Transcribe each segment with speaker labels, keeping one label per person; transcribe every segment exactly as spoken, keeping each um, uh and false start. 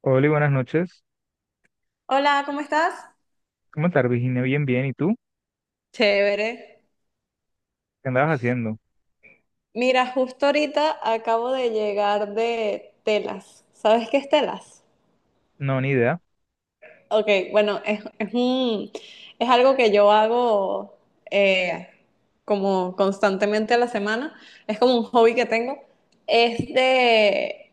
Speaker 1: Hola, y buenas noches.
Speaker 2: Hola, ¿cómo estás?
Speaker 1: ¿Cómo estás, Virginia? Bien, bien. ¿Y tú?
Speaker 2: Chévere.
Speaker 1: ¿Qué andabas haciendo?
Speaker 2: Mira, justo ahorita acabo de llegar de telas. ¿Sabes qué es telas?
Speaker 1: No, ni idea.
Speaker 2: Ok, bueno, es, es un- es algo que yo hago eh, como constantemente a la semana. Es como un hobby que tengo. Es de,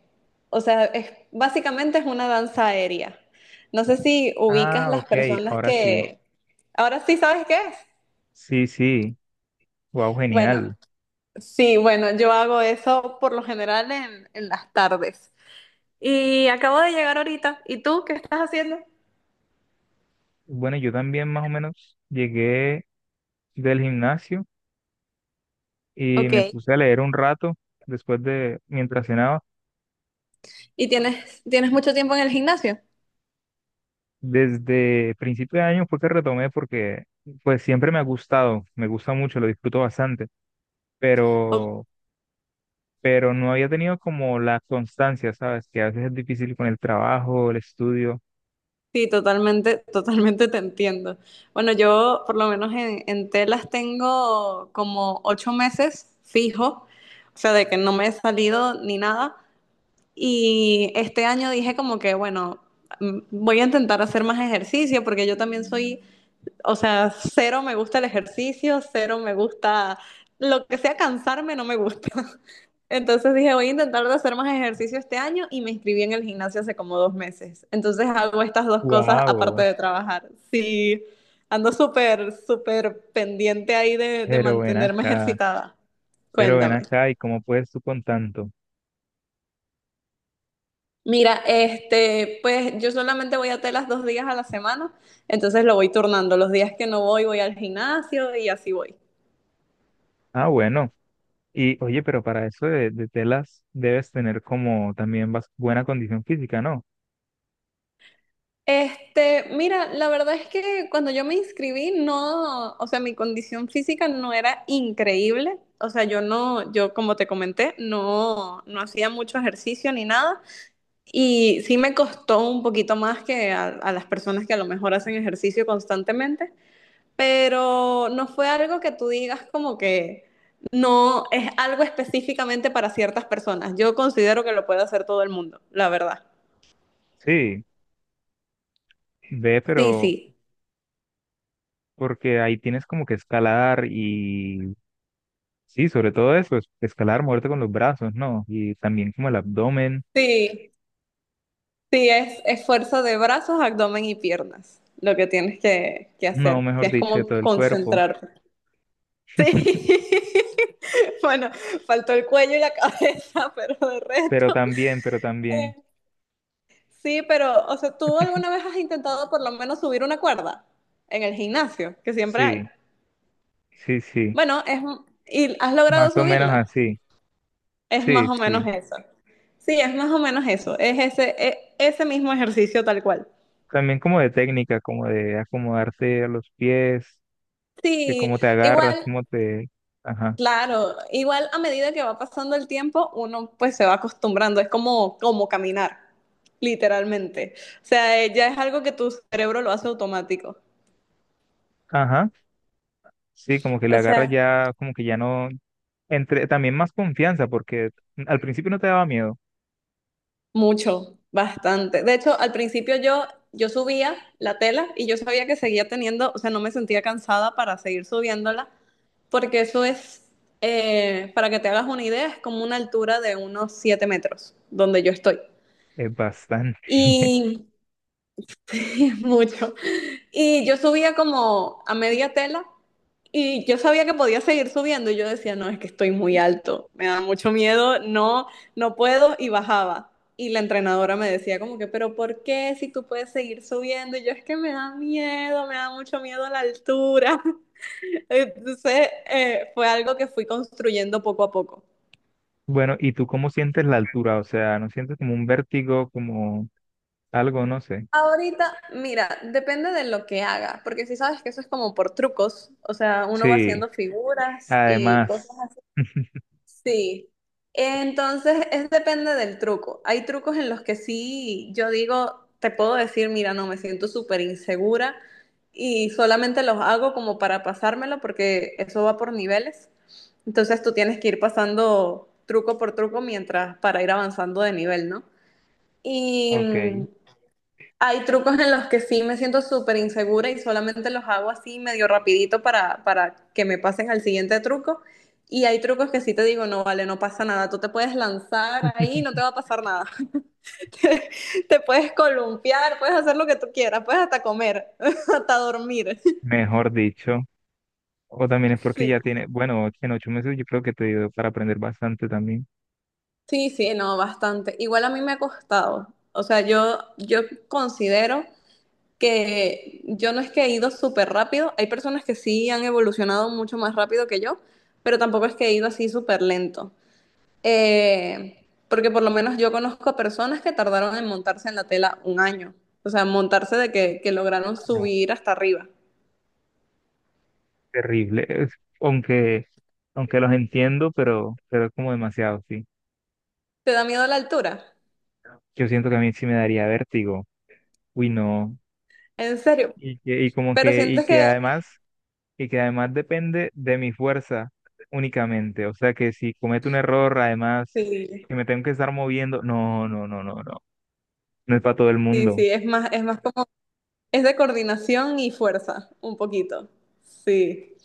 Speaker 2: o sea, es, básicamente es una danza aérea. No sé si ubicas
Speaker 1: Ah,
Speaker 2: las
Speaker 1: ok,
Speaker 2: personas
Speaker 1: ahora sí.
Speaker 2: que... Ahora sí, ¿sabes qué es?
Speaker 1: Sí, sí. Wow,
Speaker 2: Bueno,
Speaker 1: genial.
Speaker 2: sí, bueno, yo hago eso por lo general en, en las tardes. Y acabo de llegar ahorita. ¿Y tú qué estás haciendo?
Speaker 1: Bueno, yo también más o menos llegué del gimnasio y me
Speaker 2: Ok.
Speaker 1: puse a leer un rato después de, mientras cenaba.
Speaker 2: ¿Y tienes, tienes mucho tiempo en el gimnasio?
Speaker 1: Desde principio de año fue que retomé porque pues siempre me ha gustado, me gusta mucho, lo disfruto bastante,
Speaker 2: Ok,
Speaker 1: pero, pero no había tenido como la constancia, ¿sabes? Que a veces es difícil con el trabajo, el estudio.
Speaker 2: sí, totalmente, totalmente te entiendo. Bueno, yo por lo menos en, en telas tengo como ocho meses fijo, o sea, de que no me he salido ni nada. Y este año dije como que, bueno, mm, voy a intentar hacer más ejercicio porque yo también soy. O sea, cero me gusta el ejercicio, cero me gusta lo que sea cansarme, no me gusta. Entonces dije, voy a intentar de hacer más ejercicio este año y me inscribí en el gimnasio hace como dos meses. Entonces hago estas dos cosas aparte
Speaker 1: Wow,
Speaker 2: de trabajar. Sí, ando súper, súper pendiente ahí de, de
Speaker 1: pero ven
Speaker 2: mantenerme
Speaker 1: acá,
Speaker 2: ejercitada.
Speaker 1: pero ven
Speaker 2: Cuéntame.
Speaker 1: acá, ¿y cómo puedes tú con tanto?
Speaker 2: Mira, este, pues yo solamente voy a telas dos días a la semana, entonces lo voy turnando. Los días que no voy, voy al gimnasio y así voy.
Speaker 1: Ah, bueno, y oye, pero para eso de, de telas debes tener como también bas- buena condición física, ¿no?
Speaker 2: Este, mira, la verdad es que cuando yo me inscribí, no, o sea, mi condición física no era increíble. O sea, yo no, yo como te comenté, no, no hacía mucho ejercicio ni nada. Y sí me costó un poquito más que a, a las personas que a lo mejor hacen ejercicio constantemente. Pero no fue algo que tú digas como que no es algo específicamente para ciertas personas. Yo considero que lo puede hacer todo el mundo, la verdad.
Speaker 1: Sí, ve,
Speaker 2: Sí,
Speaker 1: pero
Speaker 2: sí.
Speaker 1: porque ahí tienes como que escalar y sí, sobre todo eso, es- escalar, moverte con los brazos, ¿no? Y también como el abdomen,
Speaker 2: Sí. Sí, es esfuerzo de brazos, abdomen y piernas, lo que tienes que, que
Speaker 1: no,
Speaker 2: hacer. Sí,
Speaker 1: mejor
Speaker 2: es
Speaker 1: dicho, de
Speaker 2: como
Speaker 1: todo el cuerpo,
Speaker 2: concentrarte. Sí. Bueno, faltó el cuello y la cabeza, pero de
Speaker 1: pero
Speaker 2: resto.
Speaker 1: también, pero también,
Speaker 2: eh, Sí, pero, o sea, ¿tú alguna vez has intentado por lo menos subir una cuerda en el gimnasio, que siempre hay?
Speaker 1: sí, sí, sí,
Speaker 2: Bueno, es, y has logrado
Speaker 1: más o menos
Speaker 2: subirla.
Speaker 1: así,
Speaker 2: Es
Speaker 1: sí,
Speaker 2: más o menos
Speaker 1: sí.
Speaker 2: eso. Sí, es más o menos eso. Es ese, e- ese mismo ejercicio tal cual.
Speaker 1: También como de técnica, como de acomodarse a los pies, que
Speaker 2: Sí,
Speaker 1: cómo te agarras,
Speaker 2: igual.
Speaker 1: cómo te... Ajá,
Speaker 2: Claro, igual a medida que va pasando el tiempo, uno pues se va acostumbrando, es como, como caminar, literalmente. O sea, eh, ya es algo que tu cerebro lo hace automático.
Speaker 1: ajá. Sí, como que le
Speaker 2: O
Speaker 1: agarras
Speaker 2: sea,
Speaker 1: ya, como que ya no... Entre, también más confianza, porque al principio no te daba miedo.
Speaker 2: mucho, bastante. De hecho, al principio yo, yo subía la tela y yo sabía que seguía teniendo, o sea, no me sentía cansada para seguir subiéndola, porque eso es, eh, para que te hagas una idea, es como una altura de unos siete metros donde yo estoy.
Speaker 1: Es bastante.
Speaker 2: Y sí, es mucho. Y yo subía como a media tela y yo sabía que podía seguir subiendo y yo decía, no, es que estoy muy alto, me da mucho miedo, no, no puedo y bajaba. Y la entrenadora me decía como que, pero ¿por qué si tú puedes seguir subiendo? Y yo es que me da miedo, me da mucho miedo a la altura. Entonces eh, fue algo que fui construyendo poco a poco.
Speaker 1: Bueno, ¿y tú cómo sientes la altura? O sea, ¿no sientes como un vértigo, como algo, no sé?
Speaker 2: Ahorita, mira, depende de lo que haga, porque si sabes que eso es como por trucos, o sea, uno va
Speaker 1: Sí,
Speaker 2: haciendo figuras y cosas.
Speaker 1: además,
Speaker 2: Sí. Entonces, es depende del truco. Hay trucos en los que sí, yo digo, te puedo decir, mira, no, me siento súper insegura y solamente los hago como para pasármelo porque eso va por niveles. Entonces, tú tienes que ir pasando truco por truco mientras para ir avanzando de nivel, ¿no? Y
Speaker 1: ok,
Speaker 2: mm, hay trucos en los que sí me siento súper insegura y solamente los hago así medio rapidito para, para que me pasen al siguiente truco. Y hay trucos que sí te digo, no, vale, no pasa nada, tú te puedes lanzar ahí, no te va a pasar nada. Te, te puedes columpiar, puedes hacer lo que tú quieras, puedes hasta comer, hasta dormir.
Speaker 1: mejor dicho. O también es porque
Speaker 2: Sí,
Speaker 1: ya tiene, bueno, en ocho meses yo creo que te dio para aprender bastante también.
Speaker 2: sí, sí, no, bastante. Igual a mí me ha costado. O sea, yo, yo considero que yo no es que he ido súper rápido, hay personas que sí han evolucionado mucho más rápido que yo, pero tampoco es que he ido así súper lento. Eh, porque por lo menos yo conozco personas que tardaron en montarse en la tela un año, o sea, montarse de que, que lograron subir hasta arriba.
Speaker 1: Terrible. Es- aunque, aunque los entiendo, pero, pero es como demasiado, sí.
Speaker 2: ¿Te da miedo la altura?
Speaker 1: Yo siento que a mí sí me daría vértigo. Uy, no.
Speaker 2: En serio,
Speaker 1: Y que, y como
Speaker 2: pero
Speaker 1: que, y
Speaker 2: sientes
Speaker 1: que
Speaker 2: que
Speaker 1: además, y que además depende de mi fuerza únicamente. O sea que si cometo un error, además,
Speaker 2: sí,
Speaker 1: que me tengo que estar moviendo, no, no, no, no, no. No es para todo el
Speaker 2: sí,
Speaker 1: mundo.
Speaker 2: sí, es más, es más como, es de coordinación y fuerza, un poquito. Sí.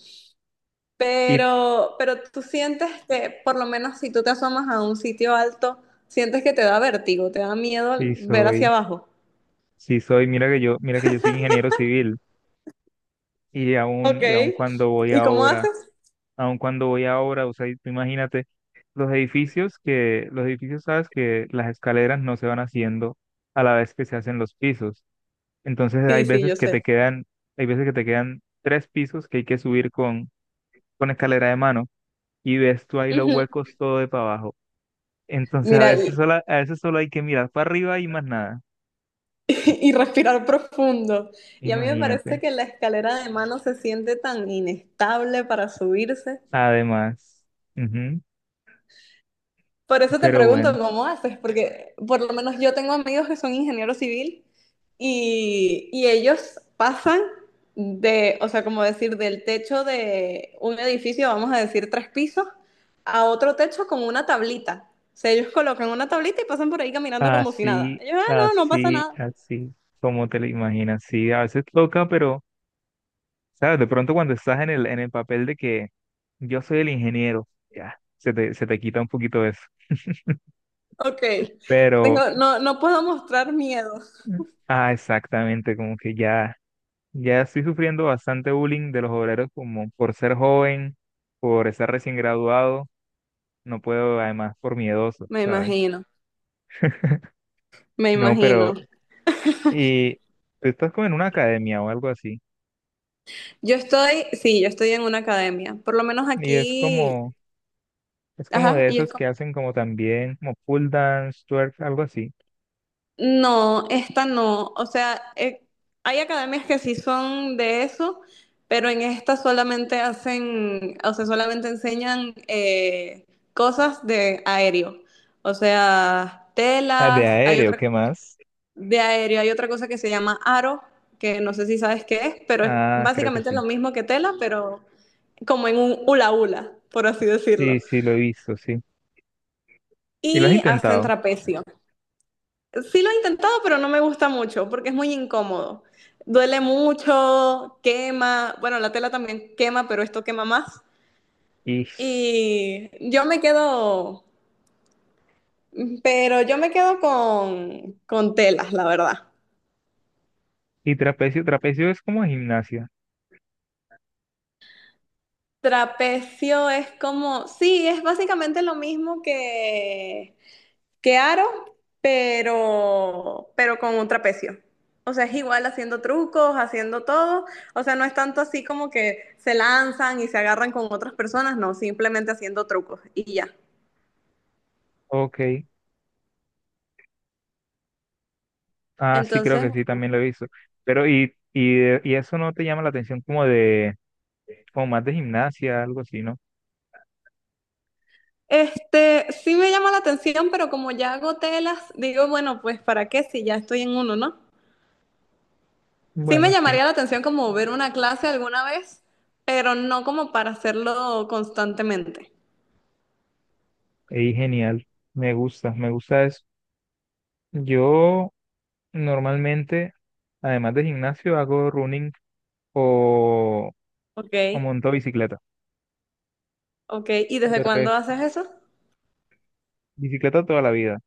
Speaker 1: Y
Speaker 2: Pero, pero tú sientes que, por lo menos si tú te asomas a un sitio alto, sientes que te da vértigo, te da miedo
Speaker 1: sí
Speaker 2: ver hacia
Speaker 1: soy,
Speaker 2: abajo.
Speaker 1: sí soy, mira que yo, mira que yo soy ingeniero civil. Y aún,
Speaker 2: Ok.
Speaker 1: y aún cuando voy
Speaker 2: ¿Y cómo
Speaker 1: ahora
Speaker 2: haces?
Speaker 1: aun cuando voy a obra, o sea, y tú imagínate, los edificios que, los edificios, sabes que las escaleras no se van haciendo a la vez que se hacen los pisos. Entonces hay
Speaker 2: Sí, sí,
Speaker 1: veces
Speaker 2: yo
Speaker 1: que te
Speaker 2: sé.
Speaker 1: quedan, hay veces que te quedan tres pisos que hay que subir con, con escalera de mano y ves tú ahí los
Speaker 2: Ujú.
Speaker 1: huecos todo de para abajo. Entonces a
Speaker 2: Mira,
Speaker 1: veces
Speaker 2: y,
Speaker 1: solo, a veces solo hay que mirar para arriba y más nada.
Speaker 2: y respirar profundo. Y a mí me parece
Speaker 1: Imagínate.
Speaker 2: que la escalera de mano se siente tan inestable para subirse.
Speaker 1: Además. Ujú,
Speaker 2: Por eso te
Speaker 1: pero
Speaker 2: pregunto
Speaker 1: bueno.
Speaker 2: cómo haces, porque por lo menos yo tengo amigos que son ingenieros civil y, y ellos pasan de, o sea, como decir, del techo de un edificio, vamos a decir tres pisos, a otro techo con una tablita. O sea, ellos colocan una tablita y pasan por ahí caminando como si nada.
Speaker 1: Así,
Speaker 2: Ellos, ah, no, no pasa
Speaker 1: así,
Speaker 2: nada.
Speaker 1: así, como te lo imaginas. Sí, a veces toca, pero, ¿sabes? De pronto cuando estás en el, en el papel de que yo soy el ingeniero, ya, se te, se te quita un poquito eso.
Speaker 2: Ok,
Speaker 1: Pero,
Speaker 2: tengo, no, no puedo mostrar miedo.
Speaker 1: mm, ah, exactamente, como que ya, ya estoy sufriendo bastante bullying de los obreros como por ser joven, por estar recién graduado, no puedo, además, por miedoso,
Speaker 2: Me
Speaker 1: ¿sabes?
Speaker 2: imagino, me
Speaker 1: No,
Speaker 2: imagino.
Speaker 1: pero, y tú estás como en una academia o algo así,
Speaker 2: Yo estoy, sí, yo estoy en una academia, por lo menos
Speaker 1: y es
Speaker 2: aquí,
Speaker 1: como... Es como
Speaker 2: ajá,
Speaker 1: de
Speaker 2: y es.
Speaker 1: esos que hacen como también, como pull dance, twerk, algo así.
Speaker 2: No, esta no. O sea, eh, hay academias que sí son de eso, pero en esta solamente hacen, o sea, solamente enseñan eh, cosas de aéreo. O sea,
Speaker 1: Ah, de
Speaker 2: telas, hay
Speaker 1: aéreo,
Speaker 2: otra
Speaker 1: ¿qué más?
Speaker 2: de aéreo, hay otra cosa que se llama aro, que no sé si sabes qué es, pero es
Speaker 1: Ah, creo que
Speaker 2: básicamente lo
Speaker 1: sí.
Speaker 2: mismo que tela, pero como en un hula hula, por así
Speaker 1: Sí,
Speaker 2: decirlo.
Speaker 1: sí, lo he visto, sí. ¿Y lo has
Speaker 2: Y hacen
Speaker 1: intentado?
Speaker 2: trapecio. Sí lo he intentado, pero no me gusta mucho porque es muy incómodo. Duele mucho, quema. Bueno, la tela también quema, pero esto quema más.
Speaker 1: Y,
Speaker 2: Y yo me quedo, pero yo me quedo con, con telas, la verdad.
Speaker 1: y trapecio, trapecio es como gimnasia.
Speaker 2: Trapecio es como, sí, es básicamente lo mismo que, que aro, pero, pero con un trapecio. O sea, es igual haciendo trucos, haciendo todo. O sea, no es tanto así como que se lanzan y se agarran con otras personas, no, simplemente haciendo trucos y ya.
Speaker 1: Ok. Ah, sí, creo
Speaker 2: Entonces,
Speaker 1: que sí,
Speaker 2: bueno.
Speaker 1: también lo he visto. Pero, y, y, de- y eso no te llama la atención como de, como más de gimnasia, algo así, ¿no?
Speaker 2: Este, sí me llama la atención, pero como ya hago telas, digo, bueno, pues ¿para qué si ya estoy en uno, no? Sí me
Speaker 1: Bueno, sí.
Speaker 2: llamaría la atención como ver una clase alguna vez, pero no como para hacerlo constantemente.
Speaker 1: Y genial. Me gusta, me gusta eso. Yo normalmente, además de gimnasio, hago running o,
Speaker 2: Ok,
Speaker 1: o montó bicicleta.
Speaker 2: ok. ¿Y desde
Speaker 1: De
Speaker 2: cuándo
Speaker 1: res,
Speaker 2: haces eso?
Speaker 1: bicicleta toda la vida.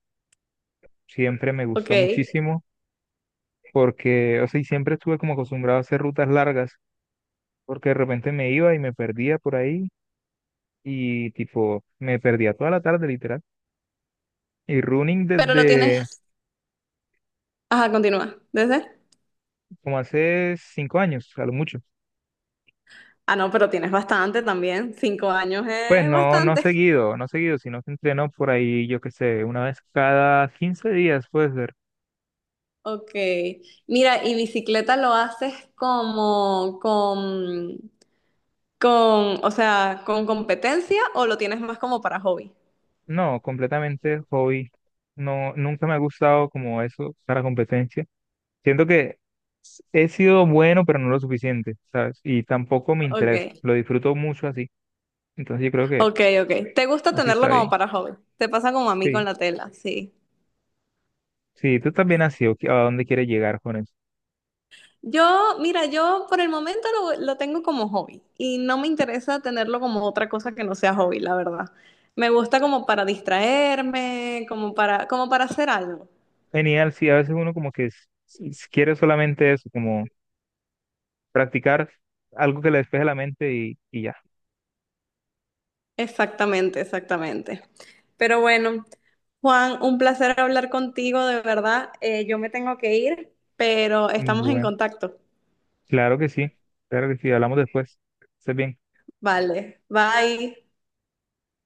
Speaker 1: Siempre me
Speaker 2: Ok,
Speaker 1: gustó muchísimo porque, o sea, y siempre estuve como acostumbrado a hacer rutas largas porque de repente me iba y me perdía por ahí y tipo, me perdía toda la tarde literal. Y running
Speaker 2: pero lo
Speaker 1: desde
Speaker 2: tienes. Ajá, continúa. ¿Desde?
Speaker 1: como hace cinco años, a lo mucho.
Speaker 2: Ah, no, pero tienes bastante también. Cinco años
Speaker 1: Pues
Speaker 2: es
Speaker 1: no, no
Speaker 2: bastante.
Speaker 1: seguido, no seguido, sino que entreno por ahí, yo qué sé, una vez cada quince días, pues,
Speaker 2: Ok. Mira, ¿y bicicleta lo haces como con, con, o sea, con competencia o lo tienes más como para hobby?
Speaker 1: no, completamente hobby. No, nunca me ha gustado como eso para competencia. Siento que s- he sido bueno, pero no lo suficiente, ¿sabes? Y tampoco me interesa.
Speaker 2: Ok,
Speaker 1: Lo disfruto mucho así. Entonces yo creo que
Speaker 2: ok, ok. ¿Te gusta
Speaker 1: así
Speaker 2: tenerlo
Speaker 1: está
Speaker 2: como
Speaker 1: bien.
Speaker 2: para hobby? Te pasa como a mí con
Speaker 1: Sí,
Speaker 2: la tela, sí.
Speaker 1: sí, tú también has sido ¿a dónde quieres llegar con eso?
Speaker 2: Yo, mira, yo por el momento lo, lo tengo como hobby y no me interesa tenerlo como otra cosa que no sea hobby, la verdad. Me gusta como para distraerme, como para, como para hacer algo.
Speaker 1: Genial, sí, a veces uno como que s- s- quiere solamente eso, como practicar algo que le despeje la mente y, y ya.
Speaker 2: Exactamente, exactamente. Pero bueno, Juan, un placer hablar contigo, de verdad. Eh, yo me tengo que ir, pero estamos en
Speaker 1: Bueno,
Speaker 2: contacto.
Speaker 1: claro que sí, claro que sí, hablamos después. Estés bien.
Speaker 2: Vale, bye.